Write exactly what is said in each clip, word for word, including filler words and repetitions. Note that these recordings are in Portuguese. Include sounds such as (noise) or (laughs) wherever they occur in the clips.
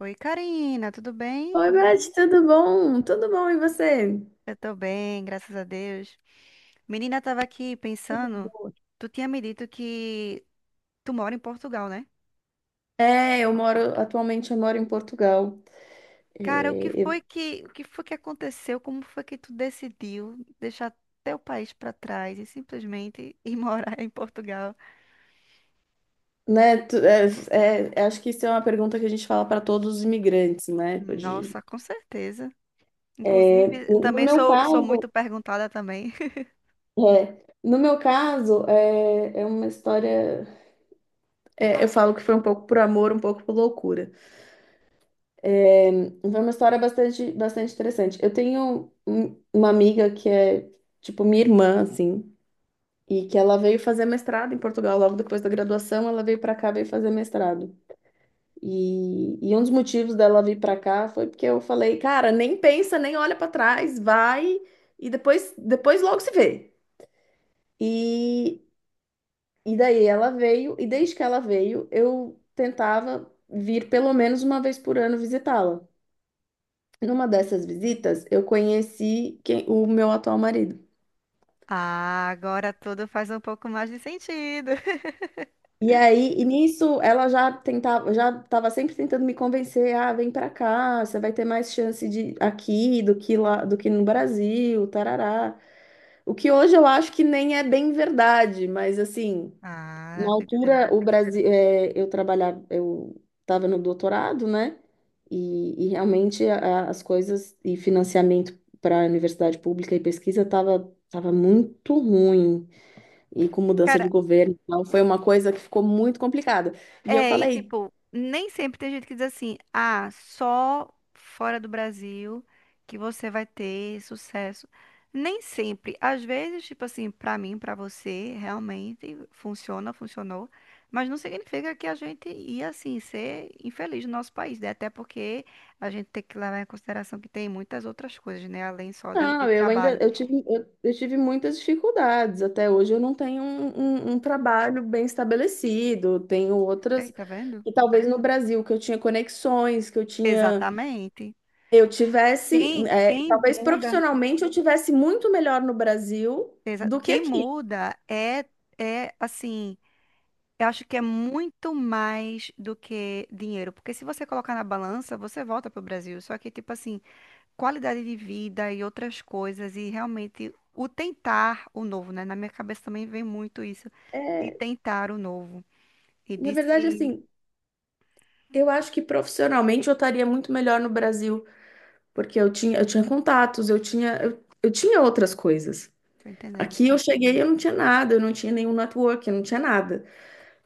Oi, Karina, tudo bem? Oi, Beth, tudo bom? Tudo bom, e você? Eu tô bem, graças a Deus. Menina, tava aqui Tudo pensando, bom. tu tinha me dito que tu mora em Portugal, né? É, eu moro, atualmente eu moro em Portugal. Cara, o que É, foi eu- que, o que foi que aconteceu? Como foi que tu decidiu deixar teu país pra trás e simplesmente ir (laughs) morar em Portugal? Né, tu- é, é, é, acho que isso é uma pergunta que a gente fala para todos os imigrantes, né? De- Nossa, com certeza. é, Inclusive, No também meu sou, sou caso, muito perguntada também. (laughs) é, no meu caso, é, é uma história. É, eu falo que foi um pouco por amor, um pouco por loucura. Foi uma história bastante, bastante interessante. Eu tenho um- uma amiga que é, tipo, minha irmã, assim. E que ela veio fazer mestrado em Portugal, logo depois da graduação, ela veio para cá, veio fazer mestrado. E, e um dos motivos dela vir para cá foi porque eu falei, cara, nem pensa, nem olha para trás, vai e depois, depois logo se vê. E, e daí ela veio, e desde que ela veio, eu tentava vir pelo menos uma vez por ano visitá-la. Numa dessas visitas, eu conheci quem, o meu atual marido. Ah, agora tudo faz um pouco mais de sentido. (laughs) E aí, e nisso, ela já tentava, já estava sempre tentando me convencer, ah, vem pra cá, você vai ter mais chance de aqui do que lá, do que no Brasil, tarará. O que hoje eu acho que nem é bem verdade, mas assim, Ah, na tô entendendo. altura o Brasil, é, eu trabalhava, eu estava no doutorado, né? E, e realmente a- a- as coisas e financiamento para a universidade pública e pesquisa estava tava tava muito ruim e com mudança de governo, então foi uma coisa que ficou muito complicada. E eu É, e falei, tipo, nem sempre tem gente que diz assim, ah, só fora do Brasil que você vai ter sucesso. Nem sempre. Às vezes, tipo assim, pra mim, pra você, realmente funciona, funcionou. Mas não significa que a gente ia, assim, ser infeliz no nosso país, né? Até porque a gente tem que levar em consideração que tem muitas outras coisas, né? Além só de, de não, eu ainda trabalho. eu tive, eu, eu tive muitas dificuldades. Até hoje eu não tenho um, um- um trabalho bem estabelecido, tenho Olha aí, outras. tá vendo? E talvez no Brasil, que eu tinha conexões, que eu tinha. Exatamente. Eu tivesse. Quem, é, quem Talvez muda. profissionalmente eu tivesse muito melhor no Brasil Exa- do que Quem aqui. muda é, é assim, eu acho que é muito mais do que dinheiro, porque se você colocar na balança, você volta pro Brasil. Só que, tipo assim, qualidade de vida e outras coisas, e realmente o tentar o novo, né? Na minha cabeça também vem muito isso, de É, tentar o novo. E Na de verdade, se. assim, eu acho que profissionalmente eu estaria muito melhor no Brasil. Porque eu tinha, eu tinha contatos, eu tinha, eu, eu tinha outras coisas. Tô entendendo. Aqui eu cheguei, e eu não tinha nada, eu não tinha nenhum network, eu não tinha nada.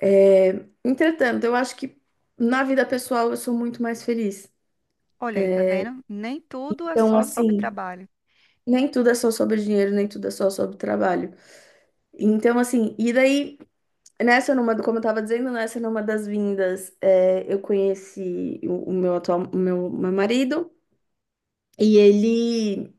É, entretanto, eu acho que na vida pessoal eu sou muito mais feliz. Olha aí, tá vendo? Nem tudo é Então, só sobre assim, trabalho. nem tudo é só sobre dinheiro, nem tudo é só sobre trabalho. Então, assim, e daí, nessa numa, como eu tava dizendo, nessa numa das vindas, é, eu conheci o, o meu atual, o meu meu marido, e ele.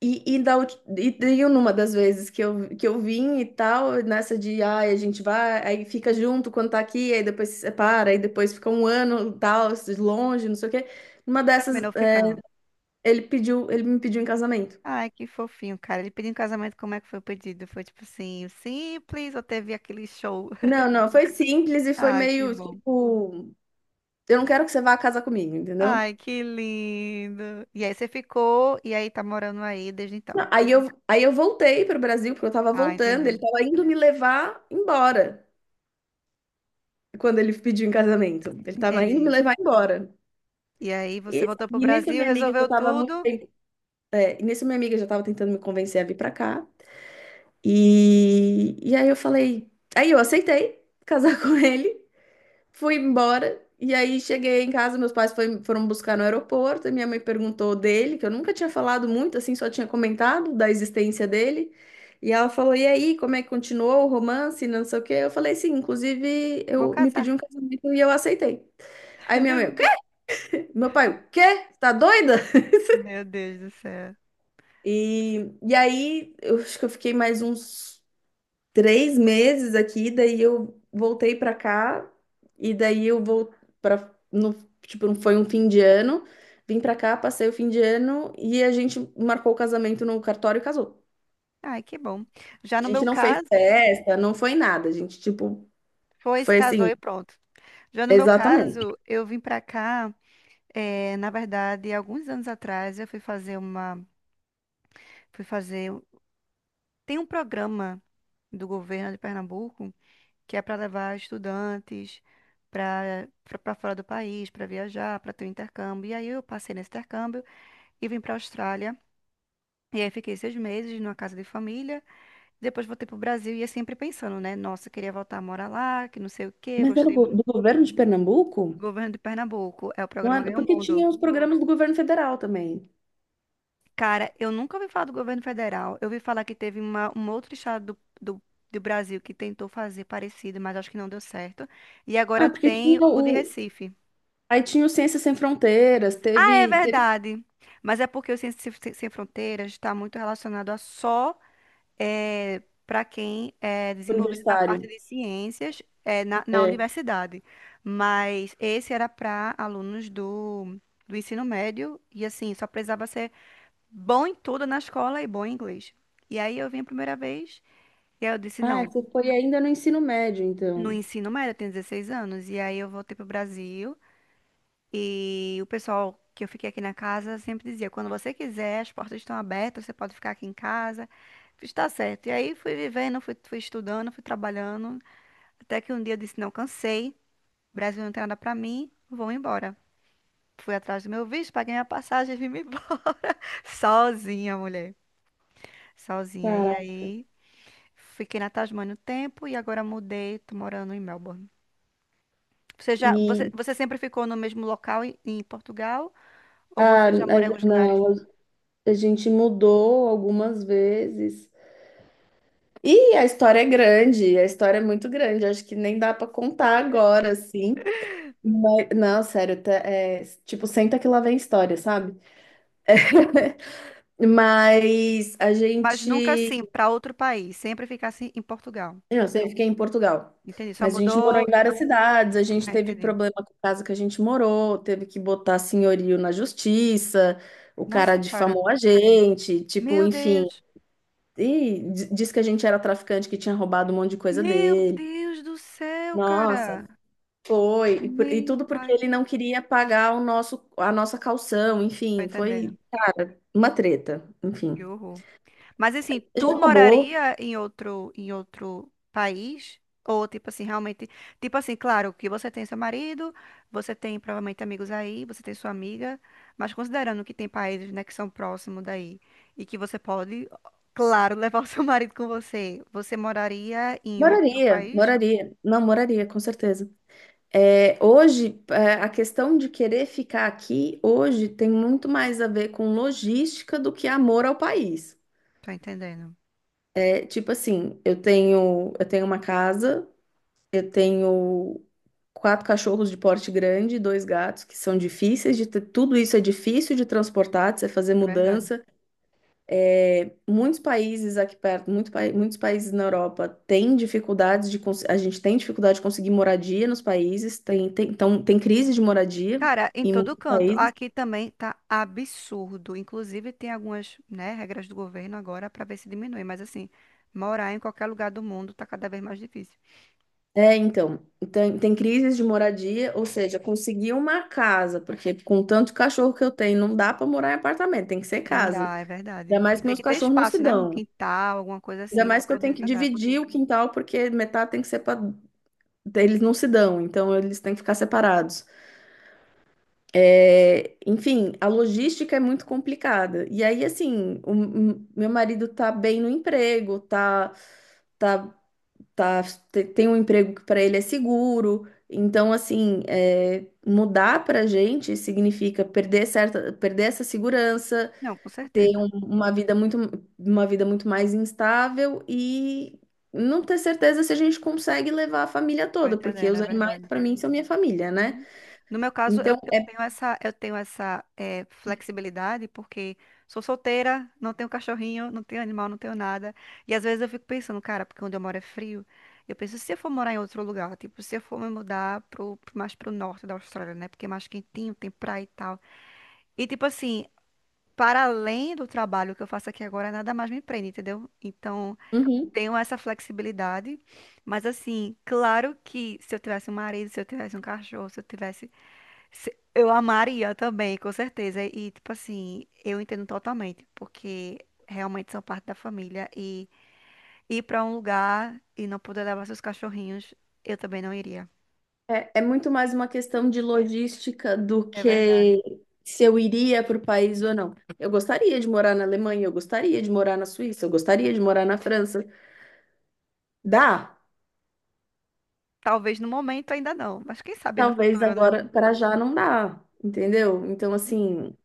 E, e, da, ulti- e e numa das vezes que eu, que eu vim e tal, nessa de, ai, a gente vai, aí fica junto quando tá aqui, aí depois se separa, aí depois fica um ano e tal, longe, não sei o quê. Numa dessas, Terminou eh, ficando. ele pediu, ele me pediu em casamento. Ai, que fofinho, cara. Ele pediu em casamento, como é que foi o pedido? Foi tipo assim, simples ou teve aquele show? (laughs) Não, não, foi simples e foi Ai, que meio bom. tipo, eu não quero que você vá casar comigo, entendeu? Ai, que lindo. E aí você ficou e aí tá morando aí desde então. Não, aí eu, aí eu voltei pro Brasil, porque eu tava Ah, voltando, ele entendi. tava indo me levar embora quando ele pediu em casamento. Ele tava indo me Entendi. levar embora. E aí você E, voltou pro e nisso Brasil, minha amiga já resolveu estava muito tudo, tempo, é, e nisso minha amiga já estava tentando me convencer a vir para cá. E, e aí eu falei, aí eu aceitei casar (laughs) com ele, fui embora. E aí cheguei em casa, meus pais foi- foram buscar no aeroporto, e minha mãe perguntou dele, que eu nunca tinha falado muito, assim, só tinha comentado da existência dele. E ela falou: "E aí, como é que continuou o romance, não sei o quê?" Eu falei: "Sim, inclusive vou eu me pedi casar. um casamento e eu aceitei." Aí minha mãe: "O quê?" (laughs) Meu pai: "O quê? Tá doida?" Meu Deus do céu. E, e aí, eu acho que eu fiquei mais uns três meses aqui, daí eu voltei pra cá, e daí eu vou para no, tipo, não foi um fim de ano, vim pra cá, passei o fim de ano e a gente marcou o casamento no cartório e casou. Ai, que bom. Já A no gente meu não fez caso, festa, não foi nada, a gente, tipo, foi, se foi casou assim, e pronto. Já no meu exatamente. caso, eu vim pra cá, eh, na verdade, alguns anos atrás, eu fui fazer uma, fui fazer Tem um programa do governo de Pernambuco que é para levar estudantes para para fora do país, para viajar, para ter um intercâmbio. E aí eu passei nesse intercâmbio e vim para a Austrália. E aí fiquei seis meses numa casa de família. Depois voltei para o Brasil e ia sempre pensando, né? Nossa, queria voltar a morar lá, que não sei o quê, Mas era do, gostei go- do muito. governo de Pernambuco? Governo de Pernambuco, é o Não, programa era- Ganha o porque Mundo. tinha os programas do governo federal também. Cara, eu nunca ouvi falar do governo federal. Eu ouvi falar que teve uma, um outro estado do, do, do Brasil que tentou fazer parecido, mas acho que não deu certo. E agora Ah, porque tem tinha o de o. Recife. Aí tinha o Ciências Sem Fronteiras, Ah, é teve, teve. verdade. Mas é porque o Ciências Sem Sem Sem Fronteiras está muito relacionado a só para quem é desenvolvido na parte Universitário, de ciências eh, na, na é. universidade. Mas esse era para alunos do, do ensino médio e assim, só precisava ser bom em tudo na escola e bom em inglês. E aí eu vim a primeira vez, e aí eu disse, Ah, não, você foi ainda no ensino médio, no então. ensino médio eu tenho dezesseis anos, e aí eu voltei pro Brasil, e o pessoal que eu fiquei aqui na casa sempre dizia, quando você quiser, as portas estão abertas, você pode ficar aqui em casa, está certo. E aí fui vivendo, fui, fui estudando, fui trabalhando, até que um dia eu disse, não, cansei, Brasil não tem nada pra mim, vou embora. Fui atrás do meu visto, paguei minha passagem e vim me embora, (laughs) sozinha, mulher, sozinha. E Cara, aí... Fiquei na Tasmânia um tempo e agora mudei, tô morando em Melbourne. Você já, você, e você sempre ficou no mesmo local em, em Portugal ou ah, você já morou em n- alguns lugares? não, a gente mudou algumas vezes. E a história é grande, a história é muito grande, acho que nem dá para contar agora, assim. Mas- não, sério, tá- é, tipo, senta que lá vem história, sabe? (laughs) Mas a Mas nunca gente assim, para outro país, sempre ficasse em Portugal. Eu sempre fiquei em Portugal. Entendi, só Mas a gente morou mudou, em várias cidades, a gente é, teve entendi. problema com a casa que a gente morou, teve que botar senhorio na justiça, o cara Nossa, cara. difamou a gente, tipo, Meu enfim. Deus. E di- disse que a gente era traficante, que tinha roubado um monte de coisa Meu dele. Deus do céu, cara. Nossa, foi. E, por- e Meu tudo porque pai. ele não queria pagar o nosso, a nossa calção, Tô enfim, entendendo. foi uma treta, Que enfim. horror. Mas assim, tu Já acabou. moraria em outro em outro país? Ou tipo assim, realmente, tipo assim, claro que você tem seu marido, você tem provavelmente amigos aí, você tem sua amiga, mas considerando que tem países, né, que são próximos daí e que você pode, claro, (laughs) levar o seu marido com você, você moraria em outro Moraria, país? moraria. Não, moraria, com certeza. É, hoje, é, a questão de querer ficar aqui hoje tem muito mais a ver com logística do que amor ao país. Tô entendendo. É, tipo assim, eu tenho, eu tenho uma casa, eu tenho quatro cachorros de porte grande, dois gatos que são difíceis de ter, tudo isso é difícil de transportar, de você fazer É verdade. mudança. É, muitos países aqui perto, muito pa- muitos países na Europa têm dificuldades de cons- a gente tem dificuldade de conseguir moradia nos países, tem, tem, então, tem crise de moradia Cara, em em todo muitos canto. países. Aqui também tá absurdo. Inclusive, tem algumas, né, regras do governo agora para ver se diminui. Mas assim, morar em qualquer lugar do mundo tá cada vez mais difícil. É, então, tem, tem crises de moradia, ou seja, conseguir uma casa, porque com tanto cachorro que eu tenho, não dá para morar em apartamento, tem que ser Não casa. dá, é verdade. Ainda mais E que tem meus que ter cachorros não se espaço, né? Um dão. quintal, alguma coisa Ainda assim, para mais que eu tenho poder que andar. dividir o quintal, porque metade tem que ser para. Eles não se dão, então eles têm que ficar separados. É, enfim, a logística é muito complicada. E aí, assim, o, o meu marido tá bem no emprego, tá, tá, tá, te- tem um emprego que para ele é seguro. Então, assim, é, mudar pra gente significa perder certa, perder essa segurança, Não, com certeza. uma vida muito, uma vida muito mais instável e não ter certeza se a gente consegue levar a família Tô toda, porque entendendo, os é animais, verdade. para mim, são minha família, né? Uhum. No meu caso, eu, Então, eu é. tenho essa, eu tenho essa eh, flexibilidade porque sou solteira, não tenho cachorrinho, não tenho animal, não tenho nada. E às vezes eu fico pensando, cara, porque onde eu moro é frio. Eu penso, se eu for morar em outro lugar, tipo, se eu for me mudar pro, pro- mais pro norte da Austrália, né? Porque é mais quentinho, tem praia e tal. E tipo assim, para além do trabalho que eu faço aqui agora, nada mais me prende, entendeu? Então, Uhum. tenho essa flexibilidade. Mas assim, claro que se eu tivesse um marido, se eu tivesse um cachorro, se eu tivesse se- Eu amaria também, com certeza. E, tipo assim, eu entendo totalmente, porque realmente são parte da família. E ir pra um lugar e não poder levar seus cachorrinhos, eu também não iria. É, é muito mais uma questão de logística do É verdade. que se eu iria para o país ou não. Eu gostaria de morar na Alemanha, eu gostaria de morar na Suíça, eu gostaria de morar na França. Dá? Talvez no momento ainda não, mas quem sabe no Talvez futuro, né? agora, para já não dá, entendeu? Então, Uhum, assim,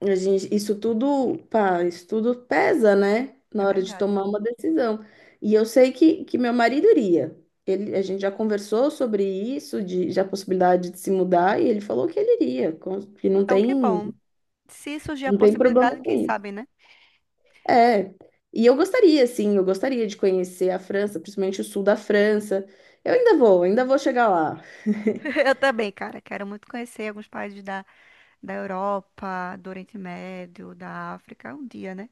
a gente, isso tudo, pá, isso tudo pesa, né? é Na hora de verdade. tomar uma decisão. E eu sei que, que meu marido iria. Ele, a gente já conversou sobre isso, de, de a possibilidade de se mudar, e ele falou que ele iria, com- que não Então, que tem. bom. Se surgir a Não tem problema possibilidade, com quem isso. sabe, né? É. E eu gostaria, sim, eu gostaria de conhecer a França, principalmente o sul da França. Eu ainda vou, ainda vou chegar lá. (laughs) (laughs) Eu também, cara, quero muito conhecer alguns países da, da Europa, do Oriente Médio, da África, um dia, né?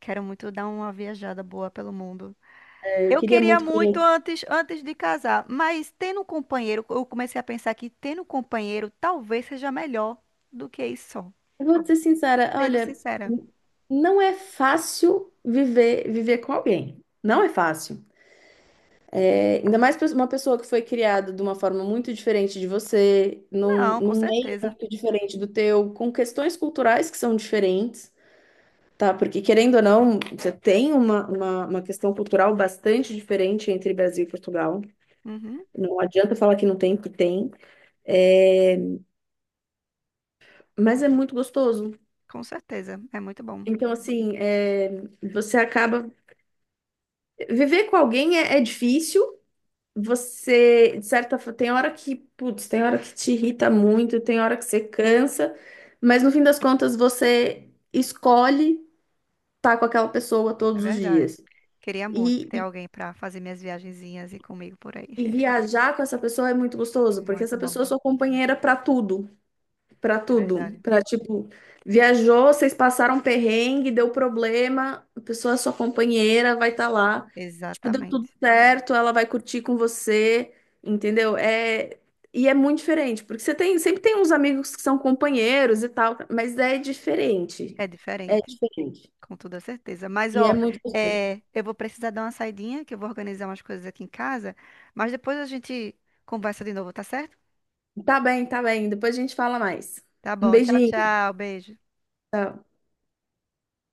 Quero muito dar uma viajada boa pelo mundo. É, Eu Eu queria queria muito muito conhecer. antes, antes de casar, mas tendo um companheiro, eu comecei a pensar que tendo um companheiro talvez seja melhor do que isso só. Eu vou ser sincera, Sendo olha, sincera. não é fácil viver, viver com alguém. Não é fácil. É, ainda mais pra uma pessoa que foi criada de uma forma muito diferente de você, num, Não, com num meio certeza. muito diferente do teu, com questões culturais que são diferentes. Tá, porque querendo ou não, você tem uma, uma, uma questão cultural bastante diferente entre Brasil e Portugal. Uhum, Não adianta falar que não tem, que tem. É, mas é muito gostoso. com certeza. É muito bom. Então, assim, é, você acaba. Viver com alguém é, é difícil. Você, de certa forma, tem hora que, putz, tem hora que te irrita muito, tem hora que você cansa, mas no fim das contas você escolhe estar com aquela pessoa É todos os verdade. dias. Queria muito ter e alguém para fazer minhas viagenzinhas e comigo por aí. E (laughs) viajar com essa pessoa é muito gostoso, porque Muito essa bom. pessoa é sua companheira pra tudo, pra É tudo. verdade. Pra tipo, viajou, vocês passaram perrengue, deu problema, a pessoa é sua companheira, vai estar lá. Tipo, deu tudo Exatamente. certo, ela vai curtir com você, entendeu? É e é muito diferente, porque você tem, sempre tem uns amigos que são companheiros e tal, mas é diferente. É É diferente, diferente. com toda certeza. Mas, E é ó, muito gostoso. é, eu vou precisar dar uma saidinha, que eu vou organizar umas coisas aqui em casa, mas depois a gente conversa de novo, tá certo? Tá bem, tá bem, depois a gente fala mais. Tá Um bom, tchau, beijinho. tchau, beijo.